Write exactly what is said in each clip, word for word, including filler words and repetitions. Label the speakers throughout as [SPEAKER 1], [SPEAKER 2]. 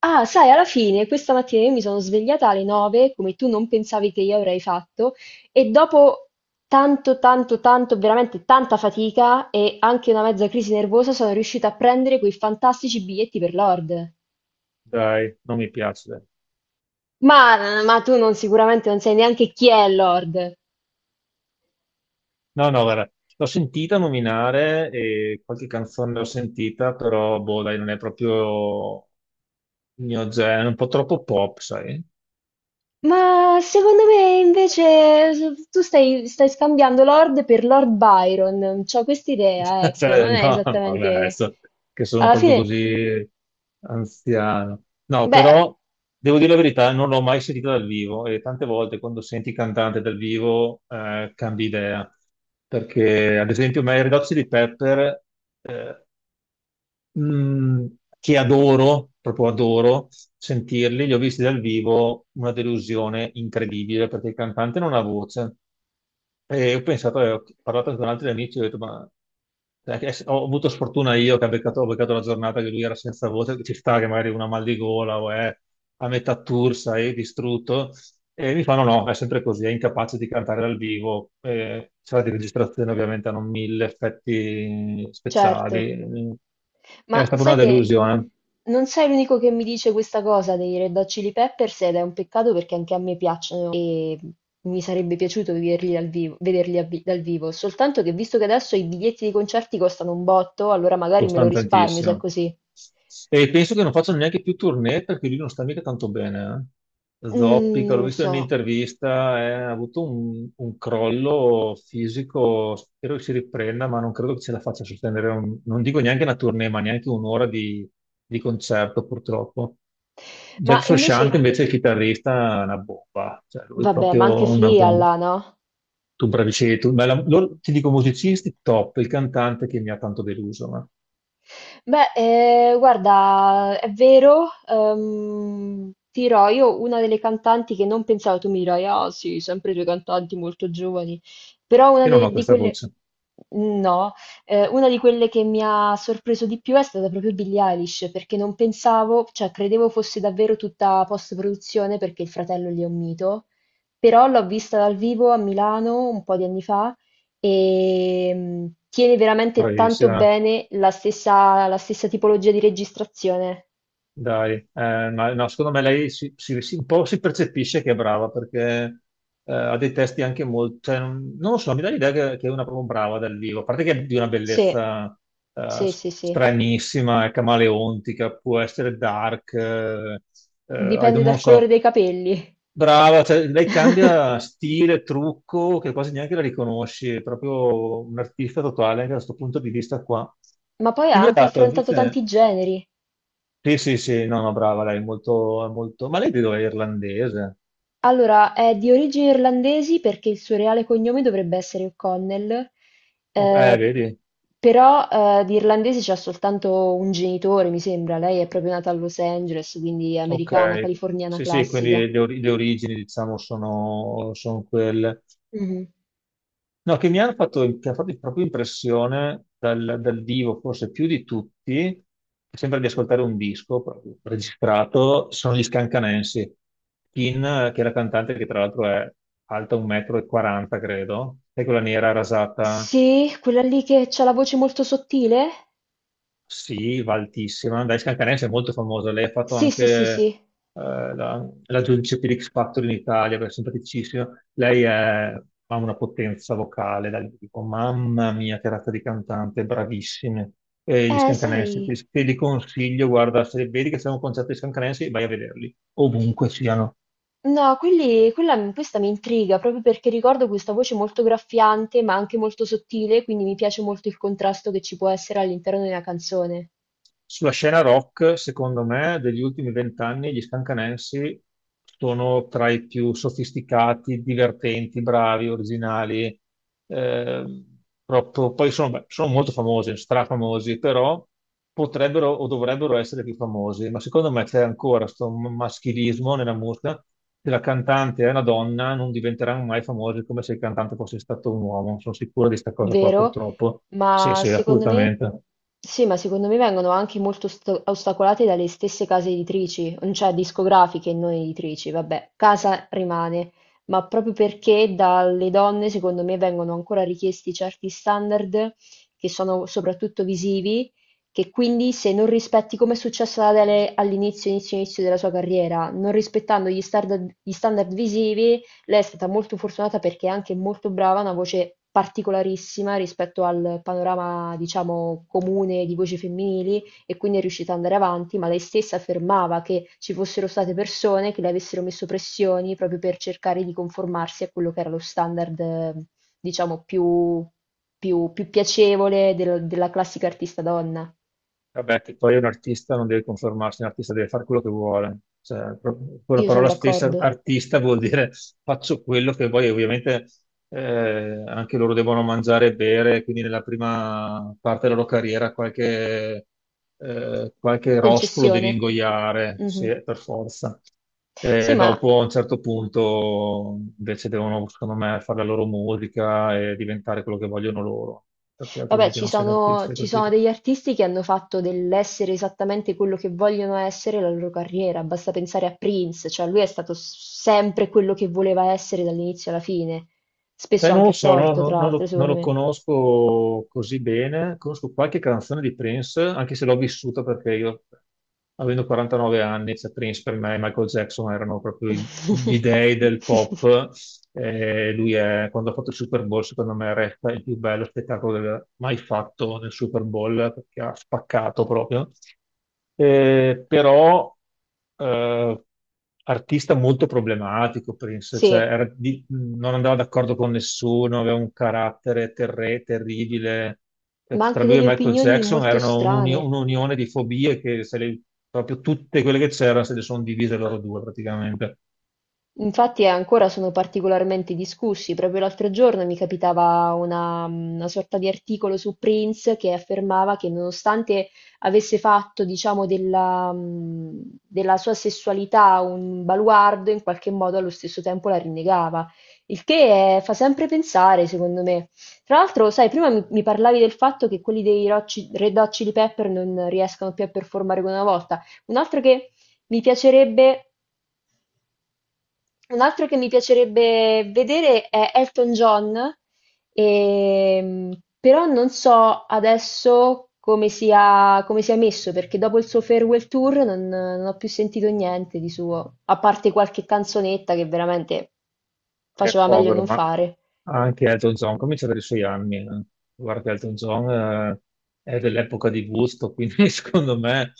[SPEAKER 1] Ah, sai, alla fine questa mattina io mi sono svegliata alle nove, come tu non pensavi che io avrei fatto, e dopo tanto, tanto, tanto, veramente tanta fatica e anche una mezza crisi nervosa sono riuscita a prendere quei fantastici biglietti per Lord.
[SPEAKER 2] Dai, non mi piace, dai.
[SPEAKER 1] Ma, ma tu non sicuramente non sai neanche chi è Lord.
[SPEAKER 2] No, no, guarda, l'ho sentita nominare e qualche canzone l'ho sentita, però, boh, dai, non è proprio il mio genere, un po' troppo pop, sai?
[SPEAKER 1] Ma secondo me invece s- tu stai, stai scambiando Lord per Lord Byron. C'ho quest'idea, ecco, non
[SPEAKER 2] Cioè,
[SPEAKER 1] è
[SPEAKER 2] no, no, vabbè,
[SPEAKER 1] esattamente...
[SPEAKER 2] adesso che sono
[SPEAKER 1] Alla
[SPEAKER 2] proprio
[SPEAKER 1] fine,
[SPEAKER 2] così anziano. No,
[SPEAKER 1] beh,
[SPEAKER 2] però, devo dire la verità, non l'ho mai sentita dal vivo e tante volte quando senti il cantante dal vivo eh, cambi idea. Perché, ad esempio, a me i Red Hot Chili Pepper eh, mh, che adoro, proprio adoro sentirli, li ho visti dal vivo, una delusione incredibile perché il cantante non ha voce. E ho pensato, eh, ho parlato con altri amici, ho detto, ma cioè, che- ho avuto sfortuna io che ha beccato, ho beccato la giornata che lui era senza voce, che ci sta che magari una mal di gola o è a metà tour, sai, distrutto. E mi fanno no, no, è sempre così, è incapace di cantare dal vivo. Eh, sala di registrazione ovviamente hanno mille effetti
[SPEAKER 1] certo.
[SPEAKER 2] speciali.
[SPEAKER 1] Ma
[SPEAKER 2] È stata una
[SPEAKER 1] sai che
[SPEAKER 2] delusione.
[SPEAKER 1] non sei l'unico che mi dice questa cosa dei Red Hot Chili Peppers ed è un peccato perché anche a me piacciono e mi sarebbe piaciuto vederli dal vivo, vederli a vi- dal vivo, soltanto che visto che adesso i biglietti dei concerti costano un botto, allora magari me lo
[SPEAKER 2] Costano
[SPEAKER 1] risparmio se è
[SPEAKER 2] tantissimo.
[SPEAKER 1] così.
[SPEAKER 2] E penso che non facciano neanche più tournée perché lui non sta mica tanto bene. Eh,
[SPEAKER 1] Mm,
[SPEAKER 2] zoppica,
[SPEAKER 1] non
[SPEAKER 2] l'ho
[SPEAKER 1] lo
[SPEAKER 2] visto in
[SPEAKER 1] so.
[SPEAKER 2] un'intervista, eh, ha avuto un, un crollo fisico, spero che si riprenda, ma non credo che ce la faccia a sostenere, un- non dico neanche una tournée, ma neanche un'ora di, di concerto purtroppo.
[SPEAKER 1] Ma
[SPEAKER 2] Jack
[SPEAKER 1] invece,
[SPEAKER 2] Frusciante invece è il chitarrista, è una bomba, cioè lui è
[SPEAKER 1] vabbè, ma anche
[SPEAKER 2] proprio una
[SPEAKER 1] Flea
[SPEAKER 2] bomba.
[SPEAKER 1] là, no?
[SPEAKER 2] Tu bravi sei tu, ma la- loro, ti dico musicisti top, il cantante che mi ha tanto deluso.
[SPEAKER 1] Beh, eh, guarda, è vero, ehm, ti dirò, io una delle cantanti che non pensavo, tu mi dirai, ah sì, sempre due cantanti molto giovani, però una
[SPEAKER 2] Io non ho
[SPEAKER 1] de- di
[SPEAKER 2] questa
[SPEAKER 1] quelle,
[SPEAKER 2] voce,
[SPEAKER 1] no, eh, una di quelle che mi ha sorpreso di più è stata proprio Billie Eilish, perché non pensavo, cioè credevo fosse davvero tutta post-produzione perché il fratello lì è un mito, però l'ho vista dal vivo a Milano un po' di anni fa e mh, tiene veramente tanto
[SPEAKER 2] bravissima,
[SPEAKER 1] bene la stessa, la stessa tipologia di registrazione.
[SPEAKER 2] dai. Eh, ma no, secondo me lei si, si- si- un po' si percepisce che è brava perché eh, ha dei testi anche molto, cioè, non non lo so, mi dà l'idea che, che è una proprio brava dal vivo, a parte che è di una
[SPEAKER 1] Sì,
[SPEAKER 2] bellezza eh,
[SPEAKER 1] sì,
[SPEAKER 2] s-
[SPEAKER 1] sì, sì.
[SPEAKER 2] stranissima, è camaleontica, può essere dark, eh, eh, I
[SPEAKER 1] Dipende
[SPEAKER 2] don't- non
[SPEAKER 1] dal colore
[SPEAKER 2] so,
[SPEAKER 1] dei capelli.
[SPEAKER 2] brava, cioè, lei cambia stile, trucco, che quasi neanche la riconosci, è proprio un artista totale anche da questo punto di vista qua.
[SPEAKER 1] Ma poi ha
[SPEAKER 2] Quindi ha
[SPEAKER 1] anche
[SPEAKER 2] dato
[SPEAKER 1] affrontato
[SPEAKER 2] invece
[SPEAKER 1] tanti generi.
[SPEAKER 2] sì, sì, sì, no, no, brava, lei è molto, è molto... Ma lei di dove è irlandese?
[SPEAKER 1] Allora, è di origini irlandesi perché il suo reale cognome dovrebbe essere O'Connell,
[SPEAKER 2] O- Eh,
[SPEAKER 1] eh,
[SPEAKER 2] vedi?
[SPEAKER 1] però eh, di irlandesi c'ha soltanto un genitore, mi sembra. Lei è proprio nata a Los Angeles, quindi è
[SPEAKER 2] Ok.
[SPEAKER 1] americana, californiana
[SPEAKER 2] Sì, sì,
[SPEAKER 1] classica.
[SPEAKER 2] quindi le, ori- le origini, diciamo, sono, sono quelle. No, che mi hanno fatto, che ha fatto proprio impressione dal, dal vivo, forse più di tutti, sembra di ascoltare un disco proprio registrato, sono gli Scancanensi. Kin, che è la cantante che tra l'altro è alta uno virgola quaranta m, credo, è quella nera rasata.
[SPEAKER 1] Sì, quella lì che c'ha la voce molto sottile?
[SPEAKER 2] Sì, va altissima. Dai, Scalcanese è molto famosa. Lei ha fatto
[SPEAKER 1] Sì,
[SPEAKER 2] anche
[SPEAKER 1] sì, sì,
[SPEAKER 2] eh,
[SPEAKER 1] sì.
[SPEAKER 2] la, la giudice per X Factor in Italia, che è simpaticissima. Lei è- ha una potenza vocale, dai, dico, mamma mia, che razza di cantante, bravissime. E gli
[SPEAKER 1] Eh,
[SPEAKER 2] Scalcanese,
[SPEAKER 1] sai,
[SPEAKER 2] te, te li consiglio, guarda, se vedi che c'è un concerto di Scalcanese, vai a vederli, ovunque siano.
[SPEAKER 1] no, quelli, quella, questa mi intriga proprio perché ricordo questa voce molto graffiante, ma anche molto sottile, quindi mi piace molto il contrasto che ci può essere all'interno di una canzone,
[SPEAKER 2] Sulla scena rock, secondo me, degli ultimi vent'anni gli Scancanensi sono tra i più sofisticati, divertenti, bravi, originali. eh, proprio- poi sono, beh, sono molto famosi, strafamosi, però potrebbero o dovrebbero essere più famosi. Ma secondo me c'è ancora questo maschilismo nella musica. Se la cantante è una donna, non diventeranno mai famosi come se il cantante fosse stato un uomo. Sono sicuro di questa cosa qua,
[SPEAKER 1] vero?
[SPEAKER 2] purtroppo. Sì,
[SPEAKER 1] Ma
[SPEAKER 2] sì,
[SPEAKER 1] secondo me,
[SPEAKER 2] assolutamente.
[SPEAKER 1] sì, ma secondo me vengono anche molto ost- ostacolate dalle stesse case editrici, non cioè discografiche, e non editrici, vabbè, casa rimane, ma proprio perché dalle donne, secondo me, vengono ancora richiesti certi standard che sono soprattutto visivi, che quindi se non rispetti, come è successo ad Adele all'inizio, inizio, inizio della sua carriera, non rispettando gli standard, gli standard visivi, lei è stata molto fortunata perché è anche molto brava, ha una voce particolarissima rispetto al panorama, diciamo, comune di voci femminili e quindi è riuscita ad andare avanti, ma lei stessa affermava che ci fossero state persone che le avessero messo pressioni proprio per cercare di conformarsi a quello che era lo standard, eh, diciamo, più, più- più piacevole del- della classica artista donna.
[SPEAKER 2] Vabbè, che poi un artista non deve conformarsi, un artista deve fare quello che vuole. Cioè, pro- con la
[SPEAKER 1] Io sono
[SPEAKER 2] parola stessa,
[SPEAKER 1] d'accordo.
[SPEAKER 2] artista vuol dire faccio quello che voglio. Ovviamente eh, anche loro devono mangiare e bere, quindi nella prima parte della loro carriera qualche, eh, qualche rospo lo devi
[SPEAKER 1] Concessione.
[SPEAKER 2] ingoiare, sì,
[SPEAKER 1] Mhm.
[SPEAKER 2] per forza.
[SPEAKER 1] Sì,
[SPEAKER 2] E
[SPEAKER 1] ma
[SPEAKER 2] dopo, a un certo punto, invece devono, secondo me, fare la loro musica e diventare quello che vogliono loro, perché
[SPEAKER 1] vabbè,
[SPEAKER 2] altrimenti
[SPEAKER 1] ci
[SPEAKER 2] non sei un
[SPEAKER 1] sono,
[SPEAKER 2] artista,
[SPEAKER 1] ci sono
[SPEAKER 2] capito?
[SPEAKER 1] degli artisti che hanno fatto dell'essere esattamente quello che vogliono essere la loro carriera. Basta pensare a Prince, cioè lui è stato s- sempre quello che voleva essere dall'inizio alla fine, spesso
[SPEAKER 2] Eh, non lo
[SPEAKER 1] anche a
[SPEAKER 2] so, no-
[SPEAKER 1] torto,
[SPEAKER 2] no-
[SPEAKER 1] tra
[SPEAKER 2] non, lo,
[SPEAKER 1] l'altro,
[SPEAKER 2] non
[SPEAKER 1] secondo
[SPEAKER 2] lo
[SPEAKER 1] me.
[SPEAKER 2] conosco così bene. Conosco qualche canzone di Prince, anche se l'ho vissuta perché io, avendo quarantanove anni, cioè Prince per me e Michael Jackson erano proprio i- gli dei del pop. Eh, lui è, quando ha fatto il Super Bowl, secondo me resta il più bello spettacolo del- mai fatto nel Super Bowl perché ha spaccato proprio. Eh, però eh, artista molto problematico, Prince, cioè,
[SPEAKER 1] Sì,
[SPEAKER 2] era di- non andava d'accordo con nessuno, aveva un carattere terre- terribile. Eh,
[SPEAKER 1] ma
[SPEAKER 2] Tra
[SPEAKER 1] anche
[SPEAKER 2] lui e
[SPEAKER 1] delle
[SPEAKER 2] Michael
[SPEAKER 1] opinioni
[SPEAKER 2] Jackson
[SPEAKER 1] molto
[SPEAKER 2] erano un'uni-
[SPEAKER 1] strane.
[SPEAKER 2] un'unione di fobie che se le- proprio tutte quelle che c'erano se le sono divise loro due praticamente.
[SPEAKER 1] Infatti eh, ancora sono particolarmente discussi. Proprio l'altro giorno mi capitava una, una sorta di articolo su Prince che affermava che nonostante avesse fatto, diciamo, della, mh, della sua sessualità un baluardo, in qualche modo allo stesso tempo la rinnegava. Il che eh, fa sempre pensare, secondo me. Tra l'altro, sai, prima mi, mi parlavi del fatto che quelli dei Red Hot Chi- Red Hot Chili Pepper non riescano più a performare come una volta. Un altro che mi piacerebbe un altro che mi piacerebbe vedere è Elton John, ehm, però non so adesso come sia, come sia messo, perché dopo il suo farewell tour non, non ho più sentito niente di suo, a parte qualche canzonetta che veramente
[SPEAKER 2] È
[SPEAKER 1] faceva meglio
[SPEAKER 2] povero,
[SPEAKER 1] non
[SPEAKER 2] ma
[SPEAKER 1] fare.
[SPEAKER 2] anche Elton John comincia a avere i suoi anni. eh. Guarda, che Elton John eh, è dell'epoca di gusto, quindi secondo me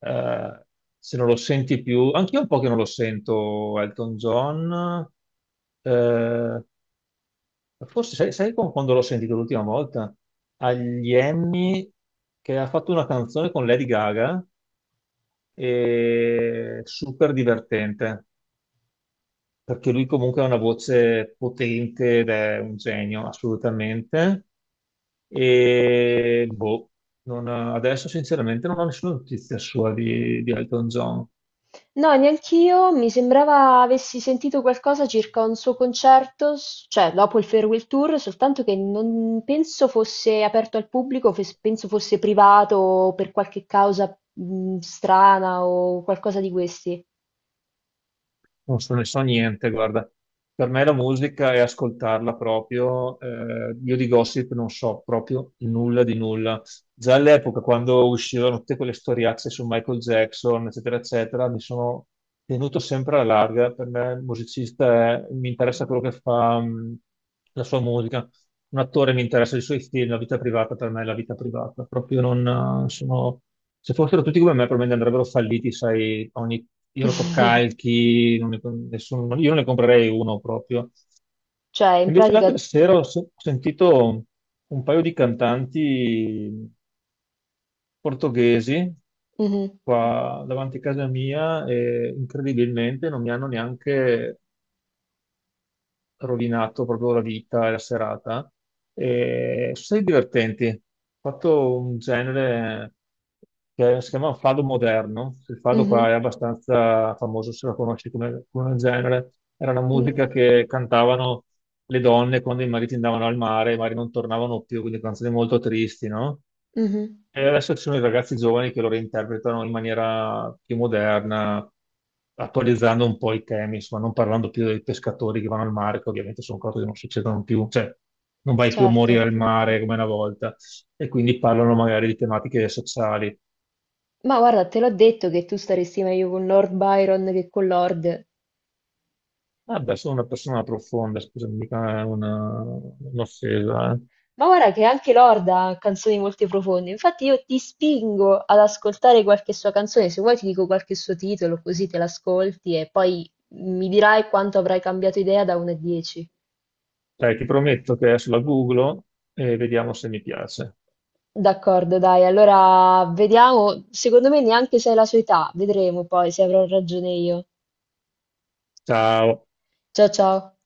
[SPEAKER 2] eh, se non lo senti più, anche io un po' che non lo sento Elton John, eh, forse sai, sai con- quando l'ho sentito l'ultima volta? Agli Emmy, che ha fatto una canzone con Lady Gaga e super divertente perché lui comunque ha una voce potente ed è un genio, assolutamente. E boh, non- adesso sinceramente non ho nessuna notizia sua di, di Elton John.
[SPEAKER 1] No, neanch'io, mi sembrava avessi sentito qualcosa circa un suo concerto, s- cioè dopo il Farewell Tour, soltanto che non penso fosse aperto al pubblico, fes- penso fosse privato o per qualche causa mh, strana o qualcosa di questi.
[SPEAKER 2] Non so, ne so niente, guarda. Per me la musica è ascoltarla proprio. Eh, io di gossip non so proprio nulla di nulla. Già all'epoca, quando uscivano tutte quelle storiazze su Michael Jackson, eccetera, eccetera, mi sono tenuto sempre alla larga. Per me il musicista è- mi interessa quello che fa, mh, la sua musica, un attore mi interessa i suoi film, la vita privata per me è la vita privata, proprio non eh, sono... Se fossero tutti come me, probabilmente andrebbero falliti, sai, ogni irotocalchi, non ne, nessuno, io non ne comprerei uno proprio.
[SPEAKER 1] Cioè, in
[SPEAKER 2] Invece l'altra
[SPEAKER 1] pratica...
[SPEAKER 2] sera ho, se- ho sentito un paio di cantanti portoghesi
[SPEAKER 1] Mhm,
[SPEAKER 2] qua davanti a casa mia e incredibilmente non mi hanno neanche rovinato proprio la vita e la serata. E sono stati divertenti. Ho fatto un genere che si chiama fado moderno. Il fado qua
[SPEAKER 1] mhm,
[SPEAKER 2] è abbastanza famoso, se lo conosci come, come genere. Era una musica che
[SPEAKER 1] mm,
[SPEAKER 2] cantavano le donne quando i mariti andavano al mare, i mariti non tornavano più, quindi canzoni molto tristi, no?
[SPEAKER 1] mhm,
[SPEAKER 2] E adesso ci sono i ragazzi giovani che lo reinterpretano in maniera più moderna, attualizzando un po' i temi, insomma, non parlando più dei pescatori che vanno al mare, che ovviamente sono cose che non succedono più, cioè non vai più a morire
[SPEAKER 1] certo.
[SPEAKER 2] al mare come una volta, e quindi parlano magari di tematiche sociali.
[SPEAKER 1] Ma guarda, te l'ho detto che tu staresti meglio con Lord Byron che con Lord.
[SPEAKER 2] Vabbè, sono una persona profonda, scusami, mica è una- un'offesa. Eh,
[SPEAKER 1] Ma guarda che anche Lorda ha canzoni molto profonde, infatti io ti spingo ad ascoltare qualche sua canzone, se vuoi ti dico qualche suo titolo così te l'ascolti e poi mi dirai quanto avrai cambiato idea da uno a dieci.
[SPEAKER 2] dai, ti prometto che adesso la googlo e vediamo se mi piace.
[SPEAKER 1] D'accordo, dai, allora vediamo, secondo me neanche sei la sua età, vedremo poi se avrò ragione io.
[SPEAKER 2] Ciao.
[SPEAKER 1] Ciao, ciao.